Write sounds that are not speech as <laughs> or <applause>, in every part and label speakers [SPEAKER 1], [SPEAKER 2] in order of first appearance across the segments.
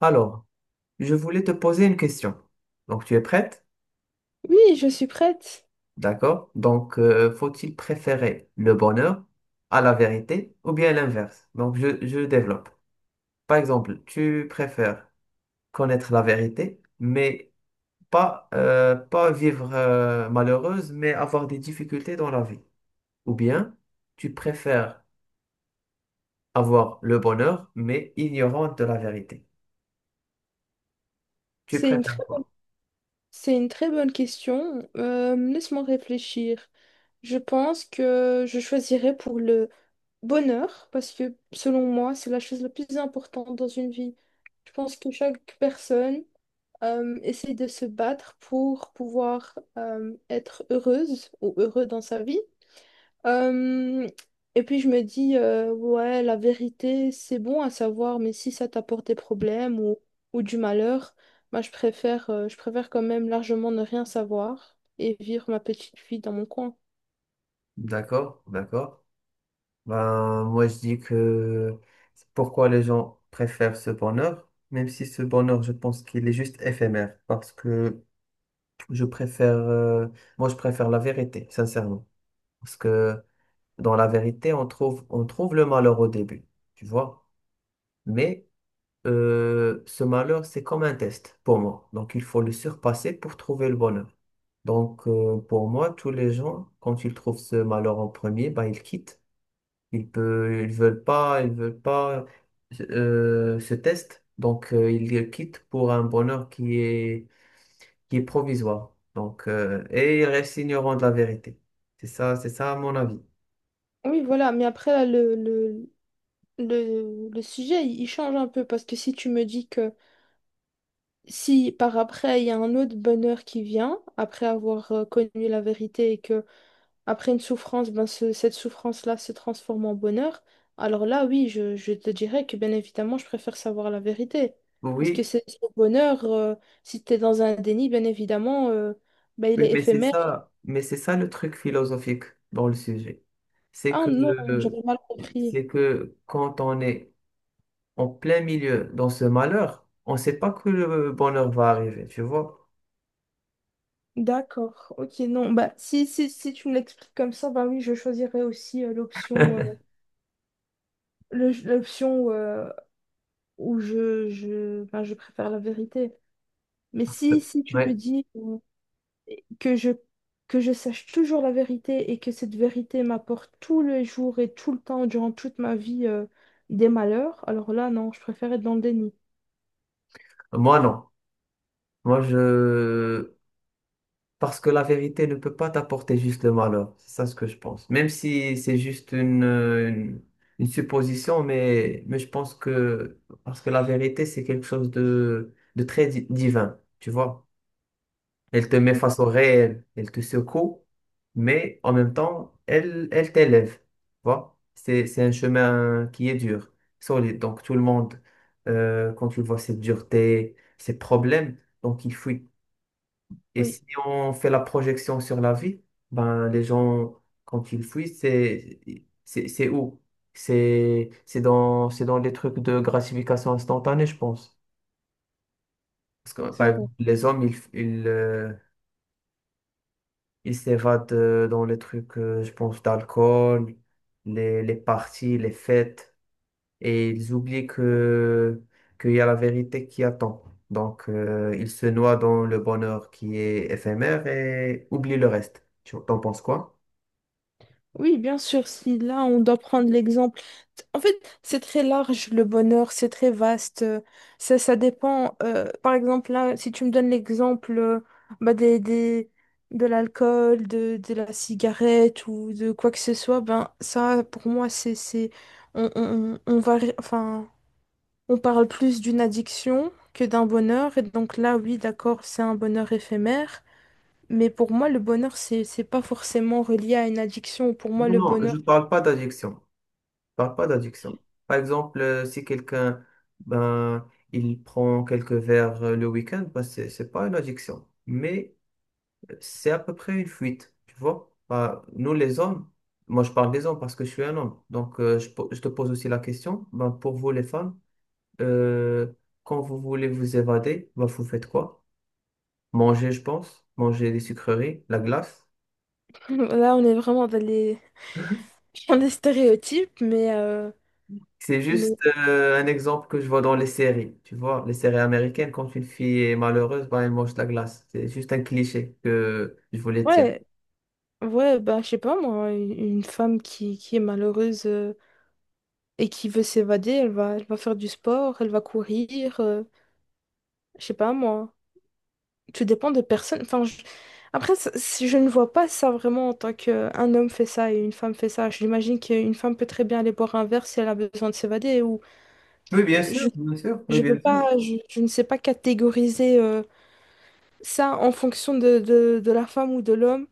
[SPEAKER 1] Alors, je voulais te poser une question. Donc, tu es prête?
[SPEAKER 2] Oui, je suis prête.
[SPEAKER 1] D'accord. Donc, faut-il préférer le bonheur à la vérité ou bien l'inverse? Donc, je développe. Par exemple, tu préfères connaître la vérité, mais pas vivre malheureuse, mais avoir des difficultés dans la vie. Ou bien, tu préfères avoir le bonheur, mais ignorante de la vérité. Tu
[SPEAKER 2] C'est une très,
[SPEAKER 1] préfères quoi?
[SPEAKER 2] c'est une très bonne question. Laisse-moi réfléchir. Je pense que je choisirais pour le bonheur, parce que selon moi, c'est la chose la plus importante dans une vie. Je pense que chaque personne essaie de se battre pour pouvoir être heureuse ou heureux dans sa vie. Euh, et puis je me dis, ouais, la vérité, c'est bon à savoir, mais si ça t'apporte des problèmes ou du malheur, moi je préfère quand même largement ne rien savoir et vivre ma petite vie dans mon coin.
[SPEAKER 1] D'accord, d'accord. Ben, moi, je dis que c'est pourquoi les gens préfèrent ce bonheur, même si ce bonheur, je pense qu'il est juste éphémère, parce que je préfère, euh, moi, je préfère la vérité, sincèrement. Parce que dans la vérité, on trouve le malheur au début, tu vois. Mais ce malheur, c'est comme un test pour moi. Donc, il faut le surpasser pour trouver le bonheur. Donc, pour moi, tous les gens, quand ils trouvent ce malheur en premier, ben, ils quittent. Ils veulent pas ce test, donc ils le quittent pour un bonheur qui est provisoire. Et ils restent ignorants de la vérité. C'est ça à mon avis.
[SPEAKER 2] Oui, voilà, mais après, là, le sujet, il change un peu, parce que si tu me dis que si par après, il y a un autre bonheur qui vient, après avoir connu la vérité. Après une souffrance, ben cette souffrance-là se transforme en bonheur. Alors là, oui, je te dirais que bien évidemment, je préfère savoir la vérité. Parce que
[SPEAKER 1] Oui,
[SPEAKER 2] c'est le bonheur, si tu es dans un déni, bien évidemment, ben, il
[SPEAKER 1] oui,
[SPEAKER 2] est éphémère.
[SPEAKER 1] mais c'est ça le truc philosophique dans le sujet. C'est
[SPEAKER 2] Ah
[SPEAKER 1] que
[SPEAKER 2] non, j'avais mal compris.
[SPEAKER 1] c'est que quand on est en plein milieu dans ce malheur, on ne sait pas que le bonheur va arriver, tu vois.
[SPEAKER 2] D'accord, ok, non, bah si, si, si tu me l'expliques comme ça, bah oui, je choisirais aussi l'option l'option où je, ben, je préfère la vérité. Mais
[SPEAKER 1] Parce
[SPEAKER 2] si,
[SPEAKER 1] que-
[SPEAKER 2] si tu me
[SPEAKER 1] ouais,
[SPEAKER 2] dis. que je, que je sache toujours la vérité et que cette vérité m'apporte tous les jours et tout le temps, durant toute ma vie, des malheurs, alors là, non, je préfère être dans le déni.
[SPEAKER 1] moi non. Moi, je, Parce que la vérité ne peut pas t'apporter juste le malheur. C'est ça ce que je pense. Même si c'est juste une supposition, mais je pense que... Parce que la vérité, c'est quelque chose de très divin, tu vois. Elle te met face au réel, elle te secoue, mais en même temps, elle t'élève, tu vois. C'est un chemin qui est dur, solide. Donc tout le monde, quand tu vois cette dureté, ces problèmes, donc il faut, et
[SPEAKER 2] Oui,
[SPEAKER 1] si on fait la projection sur la vie, ben, les gens, quand ils fuient, c'est où? C'est dans les trucs de gratification instantanée, je pense. Parce que,
[SPEAKER 2] c'est
[SPEAKER 1] par exemple,
[SPEAKER 2] vrai.
[SPEAKER 1] les hommes, ils s'évadent dans les trucs, je pense, d'alcool, les parties, les fêtes, et ils oublient qu'il y a la vérité qui attend. Donc, ils se noient dans le bonheur qui est éphémère et oublient le reste. T'en penses quoi?
[SPEAKER 2] Oui, bien sûr, si là on doit prendre l'exemple. En fait, c'est très large le bonheur, c'est très vaste. Euh, ça dépend. Euh, par exemple, là, si tu me donnes l'exemple bah, de l'alcool, de la cigarette ou de quoi que ce soit, ben ça, pour moi, c'est, on va, on parle plus d'une addiction que d'un bonheur. Et donc là, oui, d'accord, c'est un bonheur éphémère. Mais pour moi, le bonheur, c'est pas forcément relié à une addiction. Pour moi,
[SPEAKER 1] Non,
[SPEAKER 2] le
[SPEAKER 1] non, je
[SPEAKER 2] bonheur,
[SPEAKER 1] ne parle pas d'addiction. Je parle pas d'addiction. Par exemple, si quelqu'un, ben, il prend quelques verres le week-end, ben, c'est pas une addiction. Mais c'est à peu près une fuite, tu vois. Ben, nous, les hommes, moi, je parle des hommes parce que je suis un homme. Donc, je te pose aussi la question, ben, pour vous, les femmes, euh, quand vous voulez vous évader, ben, vous faites quoi? Manger, je pense. Manger des sucreries, la glace.
[SPEAKER 2] là, on est vraiment dans les, <laughs> dans les stéréotypes, mais,
[SPEAKER 1] C'est
[SPEAKER 2] mais
[SPEAKER 1] juste un exemple que je vois dans les séries. Tu vois, les séries américaines, quand une fille est malheureuse, ben, elle mange de la glace. C'est juste un cliché que je voulais dire.
[SPEAKER 2] ouais, ouais, bah, je sais pas, moi, une femme qui est malheureuse et qui veut s'évader, elle va faire du sport, elle va courir, je sais pas, moi. Tout dépend de personne. Après, si je ne vois pas ça vraiment en tant qu'un homme fait ça et une femme fait ça. J'imagine qu'une femme peut très bien aller boire un verre si elle a besoin de s'évader ou
[SPEAKER 1] Oui,
[SPEAKER 2] je,
[SPEAKER 1] bien sûr, oui,
[SPEAKER 2] je peux
[SPEAKER 1] bien sûr.
[SPEAKER 2] pas, je ne sais pas catégoriser. Euh, ça, en fonction de la femme ou de l'homme.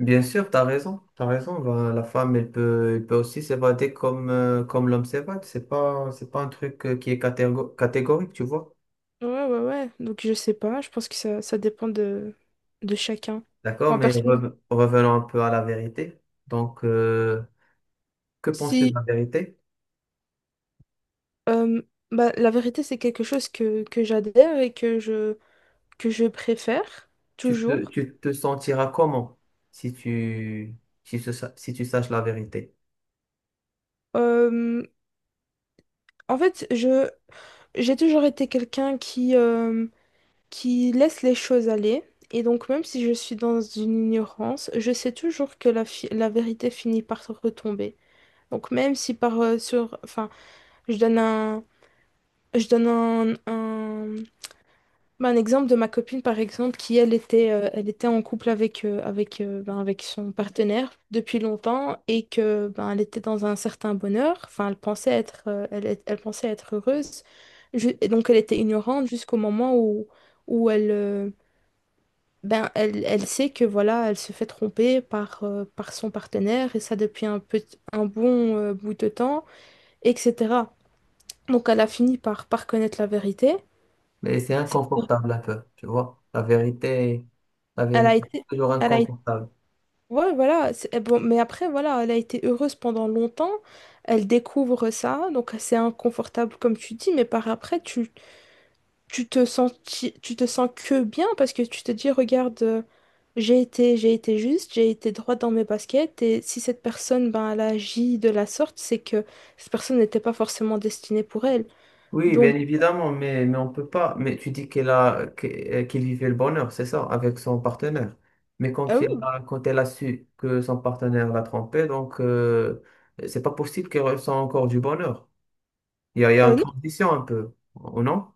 [SPEAKER 1] Bien sûr, t'as raison, t'as raison. Ben, la femme, elle peut aussi s'évader comme, comme l'homme s'évade. C'est pas un truc qui est catégorique, tu vois.
[SPEAKER 2] Ouais, ouais, ouais. Donc, je sais pas. Je pense que ça dépend de chacun.
[SPEAKER 1] D'accord,
[SPEAKER 2] Moi,
[SPEAKER 1] mais
[SPEAKER 2] personnellement,
[SPEAKER 1] revenons un peu à la vérité. Donc, que penses-tu de
[SPEAKER 2] si.
[SPEAKER 1] la vérité?
[SPEAKER 2] Euh, bah, la vérité, c'est quelque chose que j'adhère et que je préfère, toujours.
[SPEAKER 1] Tu te sentiras comment si tu, si tu saches la vérité?
[SPEAKER 2] Euh, en fait, je, j'ai toujours été quelqu'un qui laisse les choses aller. Et donc, même si je suis dans une ignorance, je sais toujours que la vérité finit par retomber. Donc, même si par, sur. Enfin. Je donne un, je donne un exemple de ma copine, par exemple, qui, elle était en couple avec, avec, ben, avec son partenaire depuis longtemps et que, ben, elle était dans un certain bonheur. Enfin, elle pensait être, elle, elle pensait être heureuse. Et donc, elle était ignorante jusqu'au moment où, où elle, ben, elle, elle sait que, voilà, elle se fait tromper par, par son partenaire et ça depuis un bon, bout de temps, etc. Donc elle a fini par, par connaître la vérité.
[SPEAKER 1] Mais c'est
[SPEAKER 2] C'est-
[SPEAKER 1] inconfortable un peu, tu vois. La
[SPEAKER 2] Elle a
[SPEAKER 1] vérité,
[SPEAKER 2] été,
[SPEAKER 1] c'est toujours
[SPEAKER 2] elle a été-
[SPEAKER 1] inconfortable.
[SPEAKER 2] ouais, voilà. Bon, mais après, voilà, elle a été heureuse pendant longtemps. Elle découvre ça, donc c'est inconfortable comme tu dis, mais par après, tu, tu te sens que bien parce que tu te dis, regarde, j'ai été juste, j'ai été droit dans mes baskets, et si cette personne, ben, elle agit de la sorte, c'est que cette personne n'était pas forcément destinée pour elle.
[SPEAKER 1] Oui, bien
[SPEAKER 2] Donc,
[SPEAKER 1] évidemment, mais on peut pas. Mais tu dis qu'il vivait le bonheur, c'est ça, avec son partenaire. Mais
[SPEAKER 2] oui,
[SPEAKER 1] quand elle a su que son partenaire l'a trompé, donc c'est pas possible qu'elle ressent encore du bonheur. Il y a une
[SPEAKER 2] euh, non,
[SPEAKER 1] transition un peu, ou non?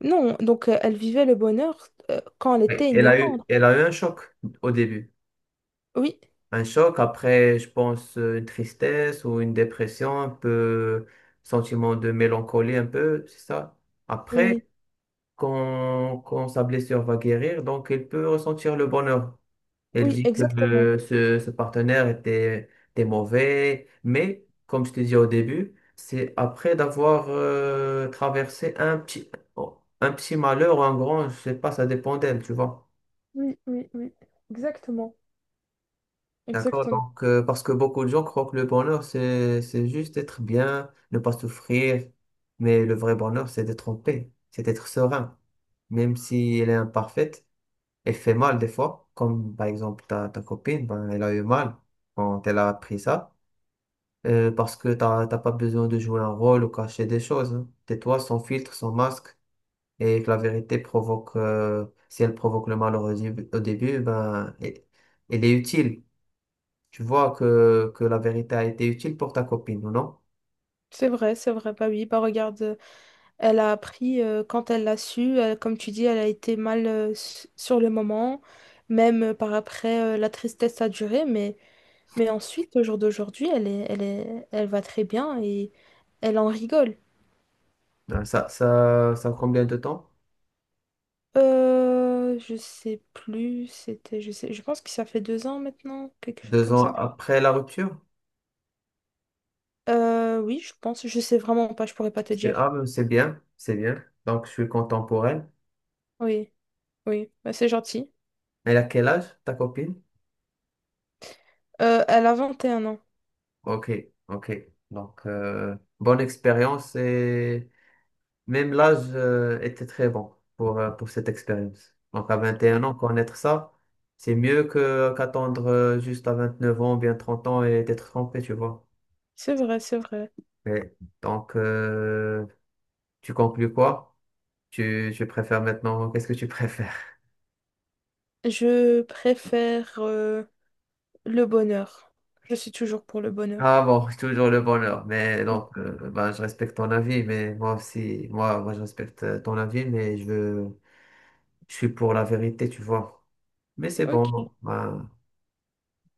[SPEAKER 2] non, donc elle vivait le bonheur quand elle
[SPEAKER 1] Oui,
[SPEAKER 2] était ignorante.
[SPEAKER 1] Elle a eu un choc au début.
[SPEAKER 2] Oui,
[SPEAKER 1] Un choc, après, je pense, une tristesse ou une dépression, un peu sentiment de mélancolie, un peu, c'est ça.
[SPEAKER 2] oui.
[SPEAKER 1] Après, quand sa blessure va guérir, donc il peut ressentir le bonheur. Elle
[SPEAKER 2] Oui,
[SPEAKER 1] dit que
[SPEAKER 2] exactement.
[SPEAKER 1] ce partenaire était mauvais, mais comme je te dis au début, c'est après d'avoir traversé un petit malheur ou un grand, je sais pas, ça dépend d'elle, tu vois.
[SPEAKER 2] Oui, oui, oui. Exactement.
[SPEAKER 1] D'accord,
[SPEAKER 2] Exactement.
[SPEAKER 1] donc parce que beaucoup de gens croient que le bonheur, c'est juste être bien, ne pas souffrir, mais le vrai bonheur, c'est d'être en paix, c'est d'être serein, même si elle est imparfaite, elle fait mal des fois, comme par exemple ta copine, ben, elle a eu mal quand elle a appris ça, parce que t'as pas besoin de jouer un rôle ou cacher des choses, hein. Tais-toi sans filtre, sans masque, et que la vérité provoque, si elle provoque le mal au début, ben, elle est utile. Tu vois que la vérité a été utile pour ta copine, ou non?
[SPEAKER 2] C'est vrai, c'est vrai. Bah oui, bah regarde, elle a appris quand elle l'a su. Comme tu dis, elle a été mal sur le moment. Même par après, la tristesse a duré. Mais ensuite, au jour d'aujourd'hui, elle va très bien et elle en rigole.
[SPEAKER 1] Ça combien de temps?
[SPEAKER 2] Je sais plus. Je pense que ça fait 2 ans maintenant, quelque chose
[SPEAKER 1] Deux
[SPEAKER 2] comme
[SPEAKER 1] ans
[SPEAKER 2] ça.
[SPEAKER 1] après la rupture?
[SPEAKER 2] Oui, je pense. Je sais vraiment pas. Je pourrais pas te dire.
[SPEAKER 1] Mais c'est bien, c'est bien. Donc, je suis content pour elle.
[SPEAKER 2] Oui. Oui, bah c'est gentil.
[SPEAKER 1] Elle a quel âge, ta copine?
[SPEAKER 2] Elle a 21 ans.
[SPEAKER 1] Ok, ok. Donc, bonne expérience et même l'âge était très bon pour cette expérience. Donc, à 21 ans, connaître ça, c'est mieux que qu'attendre juste à 29 ans, bien 30 ans et d'être trompé, tu vois.
[SPEAKER 2] C'est vrai, c'est vrai.
[SPEAKER 1] Mais donc, tu conclus quoi? Tu préfères maintenant, qu'est-ce que tu préfères? <laughs>
[SPEAKER 2] Je préfère le bonheur. Je suis toujours pour le
[SPEAKER 1] Ah
[SPEAKER 2] bonheur.
[SPEAKER 1] bon, toujours le bonheur. Mais donc, ben, je respecte ton avis, mais moi aussi, moi, je respecte ton avis, mais je veux, je suis pour la vérité, tu vois. Mais c'est
[SPEAKER 2] Ok,
[SPEAKER 1] bon, ben,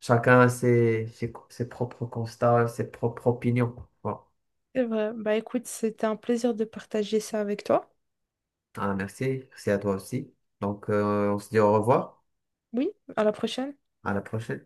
[SPEAKER 1] chacun a ses, ses propres constats, ses propres opinions. Bon.
[SPEAKER 2] c'est vrai. Bah écoute, c'était un plaisir de partager ça avec toi.
[SPEAKER 1] Ah, merci, merci à toi aussi. Donc, on se dit au revoir,
[SPEAKER 2] Oui, à la prochaine.
[SPEAKER 1] à la prochaine.